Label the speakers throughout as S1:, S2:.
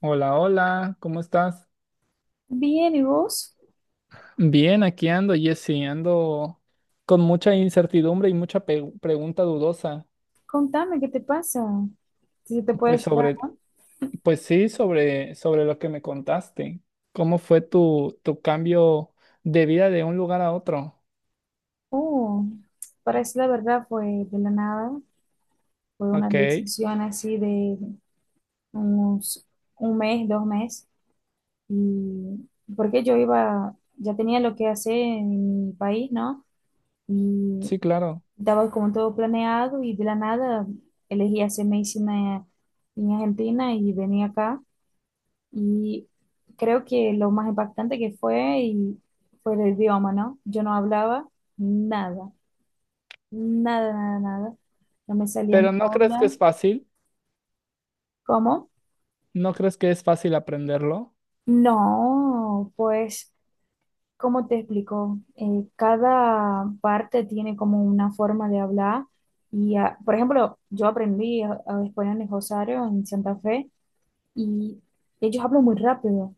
S1: Hola, hola, ¿cómo estás?
S2: Bien, ¿y vos?
S1: Bien, aquí ando, Jessy, ando con mucha incertidumbre y mucha pregunta dudosa,
S2: Contame, ¿qué te pasa? Si te puedo
S1: pues
S2: ayudar.
S1: sobre, pues sí, sobre lo que me contaste. ¿Cómo fue tu cambio de vida de un lugar a otro?
S2: Oh, para parece la verdad fue de la nada. Fue una
S1: Ok,
S2: decisión así de unos un mes, dos meses. Y porque yo iba, ya tenía lo que hacer en mi país, ¿no? Y
S1: sí, claro.
S2: estaba como todo planeado y de la nada elegí hacer medicina en Argentina y venía acá. Y creo que lo más impactante que fue y fue el idioma, ¿no? Yo no hablaba nada, nada, nada, nada. No me salía ni
S1: Pero ¿no crees que
S2: hola.
S1: es fácil?
S2: ¿Cómo?
S1: ¿No crees que es fácil aprenderlo?
S2: No, pues, ¿cómo te explico? Cada parte tiene como una forma de hablar. Y, por ejemplo, yo aprendí a español en Rosario, en Santa Fe, y ellos hablan muy rápido,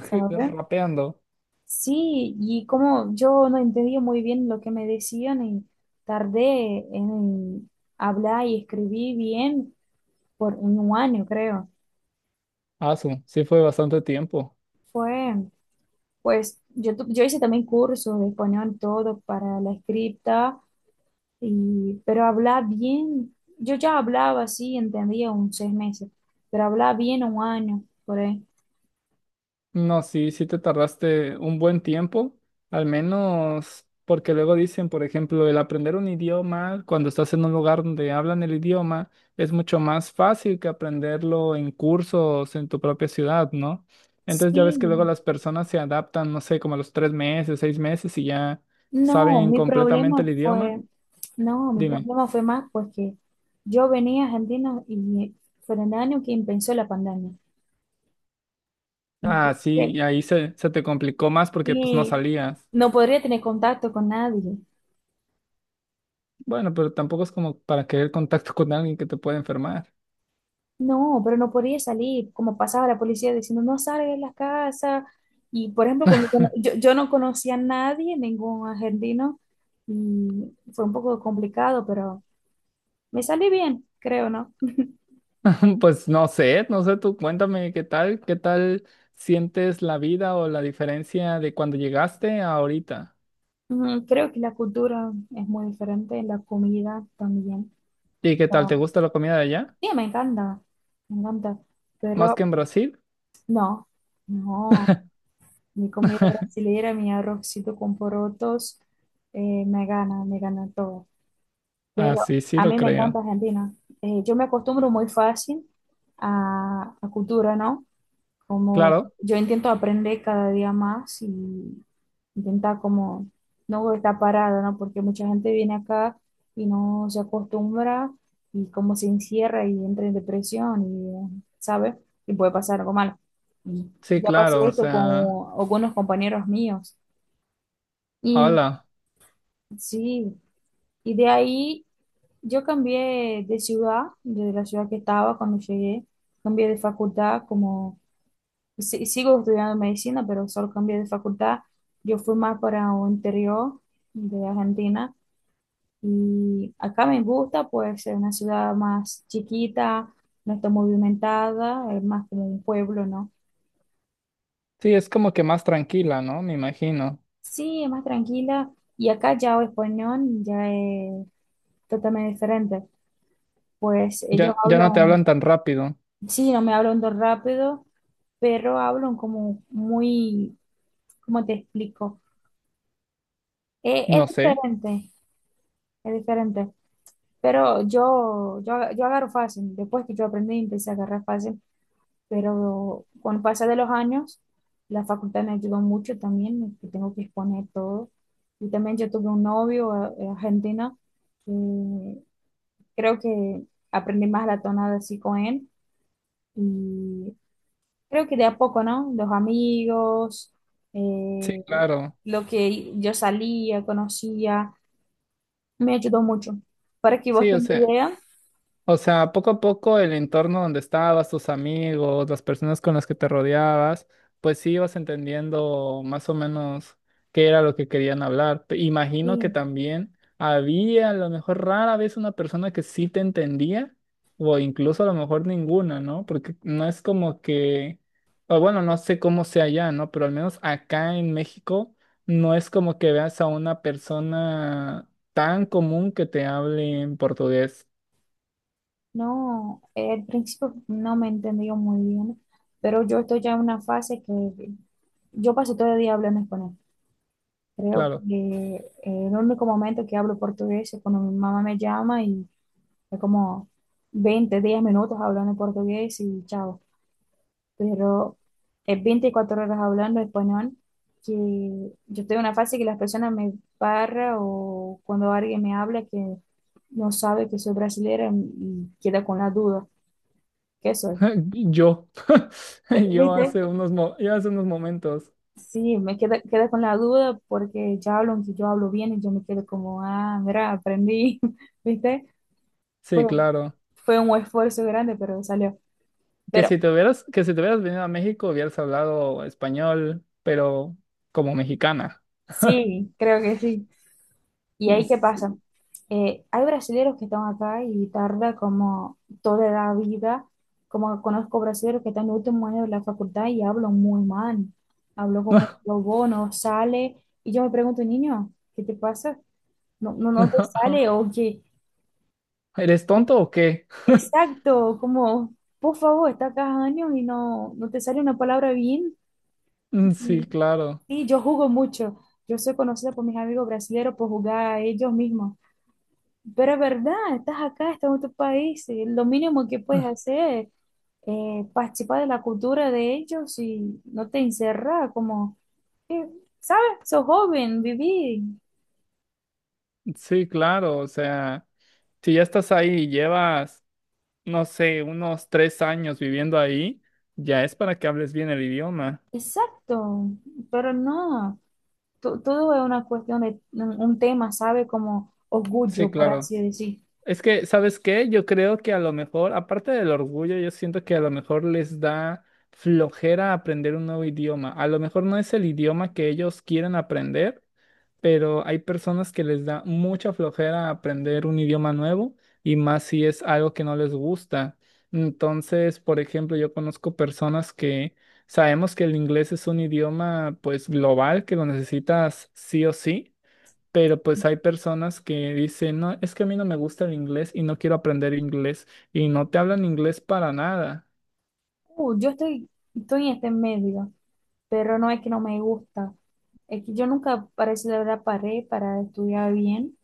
S2: ¿sabes?
S1: Rapeando.
S2: Sí, y como yo no entendía muy bien lo que me decían y tardé en hablar y escribir bien por un año, creo.
S1: Ah, sí fue bastante tiempo.
S2: Fue, pues, yo, yo hice también cursos de español, todo para la escrita, y, pero hablar bien, yo ya hablaba así, entendía un seis meses, pero hablar bien un año, por ahí.
S1: No, sí, sí te tardaste un buen tiempo, al menos porque luego dicen, por ejemplo, el aprender un idioma cuando estás en un lugar donde hablan el idioma es mucho más fácil que aprenderlo en cursos en tu propia ciudad, ¿no? Entonces ya
S2: Sí.
S1: ves que luego las personas se adaptan, no sé, como a los 3 meses, 6 meses y ya
S2: No,
S1: saben
S2: mi
S1: completamente
S2: problema
S1: el idioma.
S2: fue, no, mi
S1: Dime.
S2: problema fue más porque yo venía a Argentina y fue en el año que empezó la pandemia.
S1: Ah, sí,
S2: Entonces,
S1: y ahí se te complicó más porque pues no
S2: y
S1: salías.
S2: no podría tener contacto con nadie.
S1: Bueno, pero tampoco es como para querer contacto con alguien que te puede enfermar.
S2: No, pero no podía salir, como pasaba la policía diciendo, no salgas de la casa. Y, por ejemplo, como que no- yo no conocía a nadie, ningún argentino, y fue un poco complicado, pero me salí bien, creo, ¿no?
S1: Pues no sé, no sé, tú cuéntame qué tal sientes la vida o la diferencia de cuando llegaste a ahorita.
S2: Creo que la cultura es muy diferente, la comida también.
S1: ¿Y qué tal? ¿Te
S2: No,
S1: gusta la comida de allá?
S2: sí, me encanta,
S1: ¿Más que
S2: pero
S1: en Brasil?
S2: no, no, mi comida brasileña, mi arrocito con porotos, me gana todo.
S1: Ah,
S2: Pero
S1: sí, sí,
S2: a
S1: lo
S2: mí me encanta
S1: creo.
S2: Argentina. Yo me acostumbro muy fácil a cultura, ¿no? Como
S1: Claro,
S2: yo intento aprender cada día más y intentar como no estar parada, ¿no? Porque mucha gente viene acá y no se acostumbra y como se encierra y entra en depresión y, ¿sabes? Y puede pasar algo malo. Y
S1: sí,
S2: ya pasó
S1: claro, o
S2: esto
S1: sea,
S2: con algunos compañeros míos. Y
S1: hola.
S2: sí, y de ahí yo cambié de ciudad, de la ciudad que estaba cuando llegué, cambié de facultad como sí, sigo estudiando medicina, pero solo cambié de facultad. Yo fui más para un interior de Argentina y acá me gusta, pues es una ciudad más chiquita, no está movimentada, es más como un pueblo, ¿no?
S1: Sí, es como que más tranquila, ¿no? Me imagino.
S2: Sí, es más tranquila y acá ya el español ya es totalmente diferente, pues ellos
S1: Ya, ya no te
S2: hablan,
S1: hablan tan rápido.
S2: sí, no me hablan tan rápido, pero hablan como muy, ¿cómo te explico? Es
S1: No sé.
S2: diferente, es diferente. Pero yo agarro fácil. Después que yo aprendí, empecé a agarrar fácil. Pero con pasar de los años, la facultad me ayudó mucho también, que tengo que exponer todo. Y también yo tuve un novio argentino, que creo que aprendí más la tonada así con él. Y creo que de a poco, ¿no? Los amigos,
S1: Sí,
S2: eh,
S1: claro.
S2: lo que yo salía, conocía, me ayudó mucho. Para que vos
S1: Sí, o
S2: tengas
S1: sea.
S2: idea.
S1: O sea, poco a poco el entorno donde estabas, tus amigos, las personas con las que te rodeabas, pues sí ibas entendiendo más o menos qué era lo que querían hablar. Imagino que
S2: Sí.
S1: también había a lo mejor rara vez una persona que sí te entendía, o incluso a lo mejor ninguna, ¿no? Porque no es como que, o bueno, no sé cómo sea allá, ¿no? Pero al menos acá en México no es como que veas a una persona tan común que te hable en portugués,
S2: No, al principio no me entendió muy bien, pero yo estoy ya en una fase que yo paso todo el día hablando español. Creo
S1: claro.
S2: que el único momento que hablo portugués es cuando mi mamá me llama y es como 20 10 minutos hablando portugués y chao. Pero es 24 horas hablando español que yo estoy en una fase que las personas me paran o cuando alguien me habla que no sabe que soy brasileña y queda con la duda. ¿Qué soy?
S1: Yo,
S2: ¿Viste?
S1: yo hace unos momentos,
S2: Sí, quedé con la duda porque ya hablan que yo hablo bien y yo me quedo como, ah, mira, aprendí, ¿viste? Fue,
S1: sí, claro,
S2: fue un esfuerzo grande, pero salió. Pero
S1: que si te hubieras venido a México hubieras hablado español, pero como mexicana.
S2: sí, creo que sí. ¿Y ahí qué pasa?
S1: Sí.
S2: Hay brasileños que están acá y tarda como toda la vida, como conozco brasileños que están en el último año de la facultad y hablan muy mal, hablo como lobo, no sale, y yo me pregunto, niño, ¿qué te pasa? No, no, no te sale o qué.
S1: ¿Eres tonto o qué?
S2: Exacto, como, por favor, estás acá años y no, no te sale una palabra bien.
S1: Mm, sí,
S2: Mm.
S1: claro,
S2: Sí, yo jugo mucho. Yo soy conocida por mis amigos brasileños por jugar a ellos mismos. Pero es verdad, estás acá, estás en otro país. Y lo mínimo que puedes hacer es participar de la cultura de ellos y no te encerrar, como, eh, ¿sabes? Sos joven, viví.
S1: sí, claro, o sea, si ya estás ahí y llevas, no sé, unos 3 años viviendo ahí, ya es para que hables bien el idioma.
S2: Exacto, pero no, todo es una cuestión de un tema, ¿sabe? Como
S1: Sí,
S2: orgullo, por
S1: claro.
S2: así decir.
S1: Es que, ¿sabes qué? Yo creo que a lo mejor, aparte del orgullo, yo siento que a lo mejor les da flojera aprender un nuevo idioma. A lo mejor no es el idioma que ellos quieren aprender, pero hay personas que les da mucha flojera aprender un idioma nuevo y más si es algo que no les gusta. Entonces, por ejemplo, yo conozco personas que sabemos que el inglés es un idioma pues global que lo necesitas sí o sí. Pero pues hay personas que dicen, no, es que a mí no me gusta el inglés y no quiero aprender inglés y no te hablan inglés para nada,
S2: Uh, yo estoy, estoy en este medio, pero no es que no me gusta. Es que yo nunca parece de verdad paré para estudiar bien,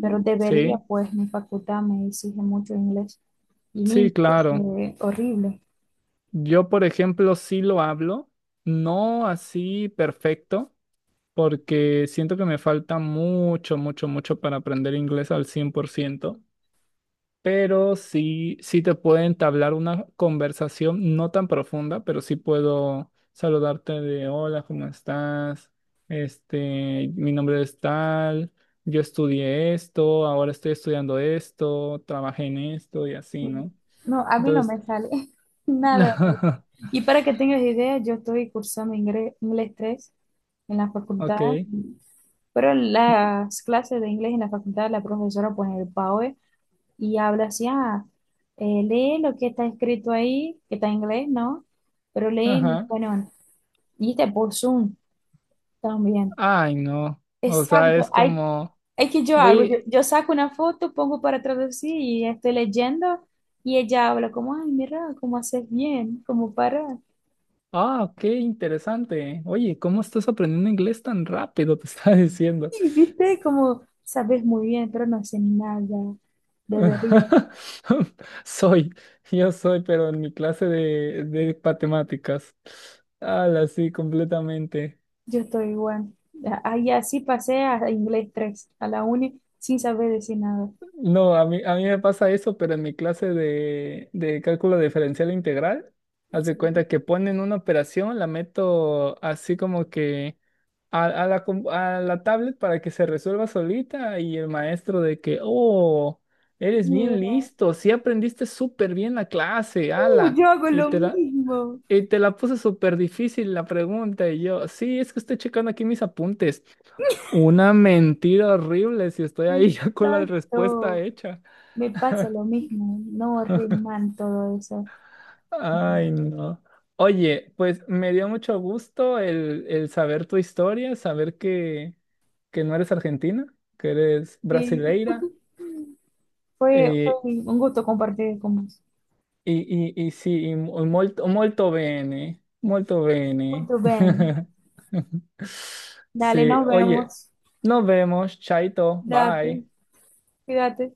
S2: pero debería,
S1: ¿sí?
S2: pues mi facultad me exige mucho inglés y mi
S1: Sí,
S2: inglés
S1: claro.
S2: es horrible.
S1: Yo, por ejemplo, sí lo hablo, no así perfecto, porque siento que me falta mucho, mucho, mucho para aprender inglés al 100%. Pero sí, sí te puedo entablar una conversación no tan profunda, pero sí puedo saludarte de hola, ¿cómo estás? Este, mi nombre es tal, yo estudié esto, ahora estoy estudiando esto, trabajé en esto y así, ¿no?
S2: No, a mí no
S1: Entonces,
S2: me sale nada. Y para que tengas idea, yo estoy cursando inglés 3 en la facultad,
S1: ok,
S2: pero las clases de inglés en la facultad, la profesora pone el PAOE y habla así, ah, lee lo que está escrito ahí, que está en inglés, ¿no? Pero lee en
S1: ajá.
S2: español. Y está por Zoom también.
S1: Ay, no. O sea,
S2: Exacto,
S1: es
S2: hay,
S1: como,
S2: es que yo hago,
S1: uy,
S2: yo saco una foto, pongo para traducir y estoy leyendo y ella habla como, ay, mira, cómo haces bien, cómo para.
S1: ah, qué interesante. Oye, ¿cómo estás aprendiendo inglés tan rápido? Te estaba diciendo.
S2: Y viste, como sabes muy bien, pero no sé nada, debería.
S1: Soy, yo soy, pero en mi clase de, matemáticas. Ala, sí, completamente.
S2: Yo estoy igual. Ahí así pasé a inglés 3 a la uni, sin saber decir nada.
S1: No, a mí me pasa eso, pero en mi clase de cálculo diferencial integral, haz de
S2: Sí.
S1: cuenta que ponen una operación, la meto así como que a la tablet para que se resuelva solita y el maestro de que, oh, eres bien
S2: Mira.
S1: listo, sí aprendiste súper bien la clase,
S2: Yo
S1: ala.
S2: hago
S1: Y
S2: lo
S1: te la,
S2: mismo.
S1: y te la puse súper difícil la pregunta y yo, sí, es que estoy checando aquí mis apuntes. Una mentira horrible si estoy ahí ya con la respuesta
S2: Exacto.
S1: hecha.
S2: Me pasa lo mismo. No, re mal todo eso.
S1: Ay, no. Oye, pues me dio mucho gusto el saber tu historia, saber que no eres argentina, que eres
S2: Sí,
S1: brasileira.
S2: fue, fue
S1: Eh,
S2: un gusto compartir con vos.
S1: E, e sì, molto bene, molto bene.
S2: Muy bien.
S1: Sí,
S2: Dale, nos
S1: oye,
S2: vemos.
S1: nos vemos, chaito,
S2: Date,
S1: bye.
S2: cuídate.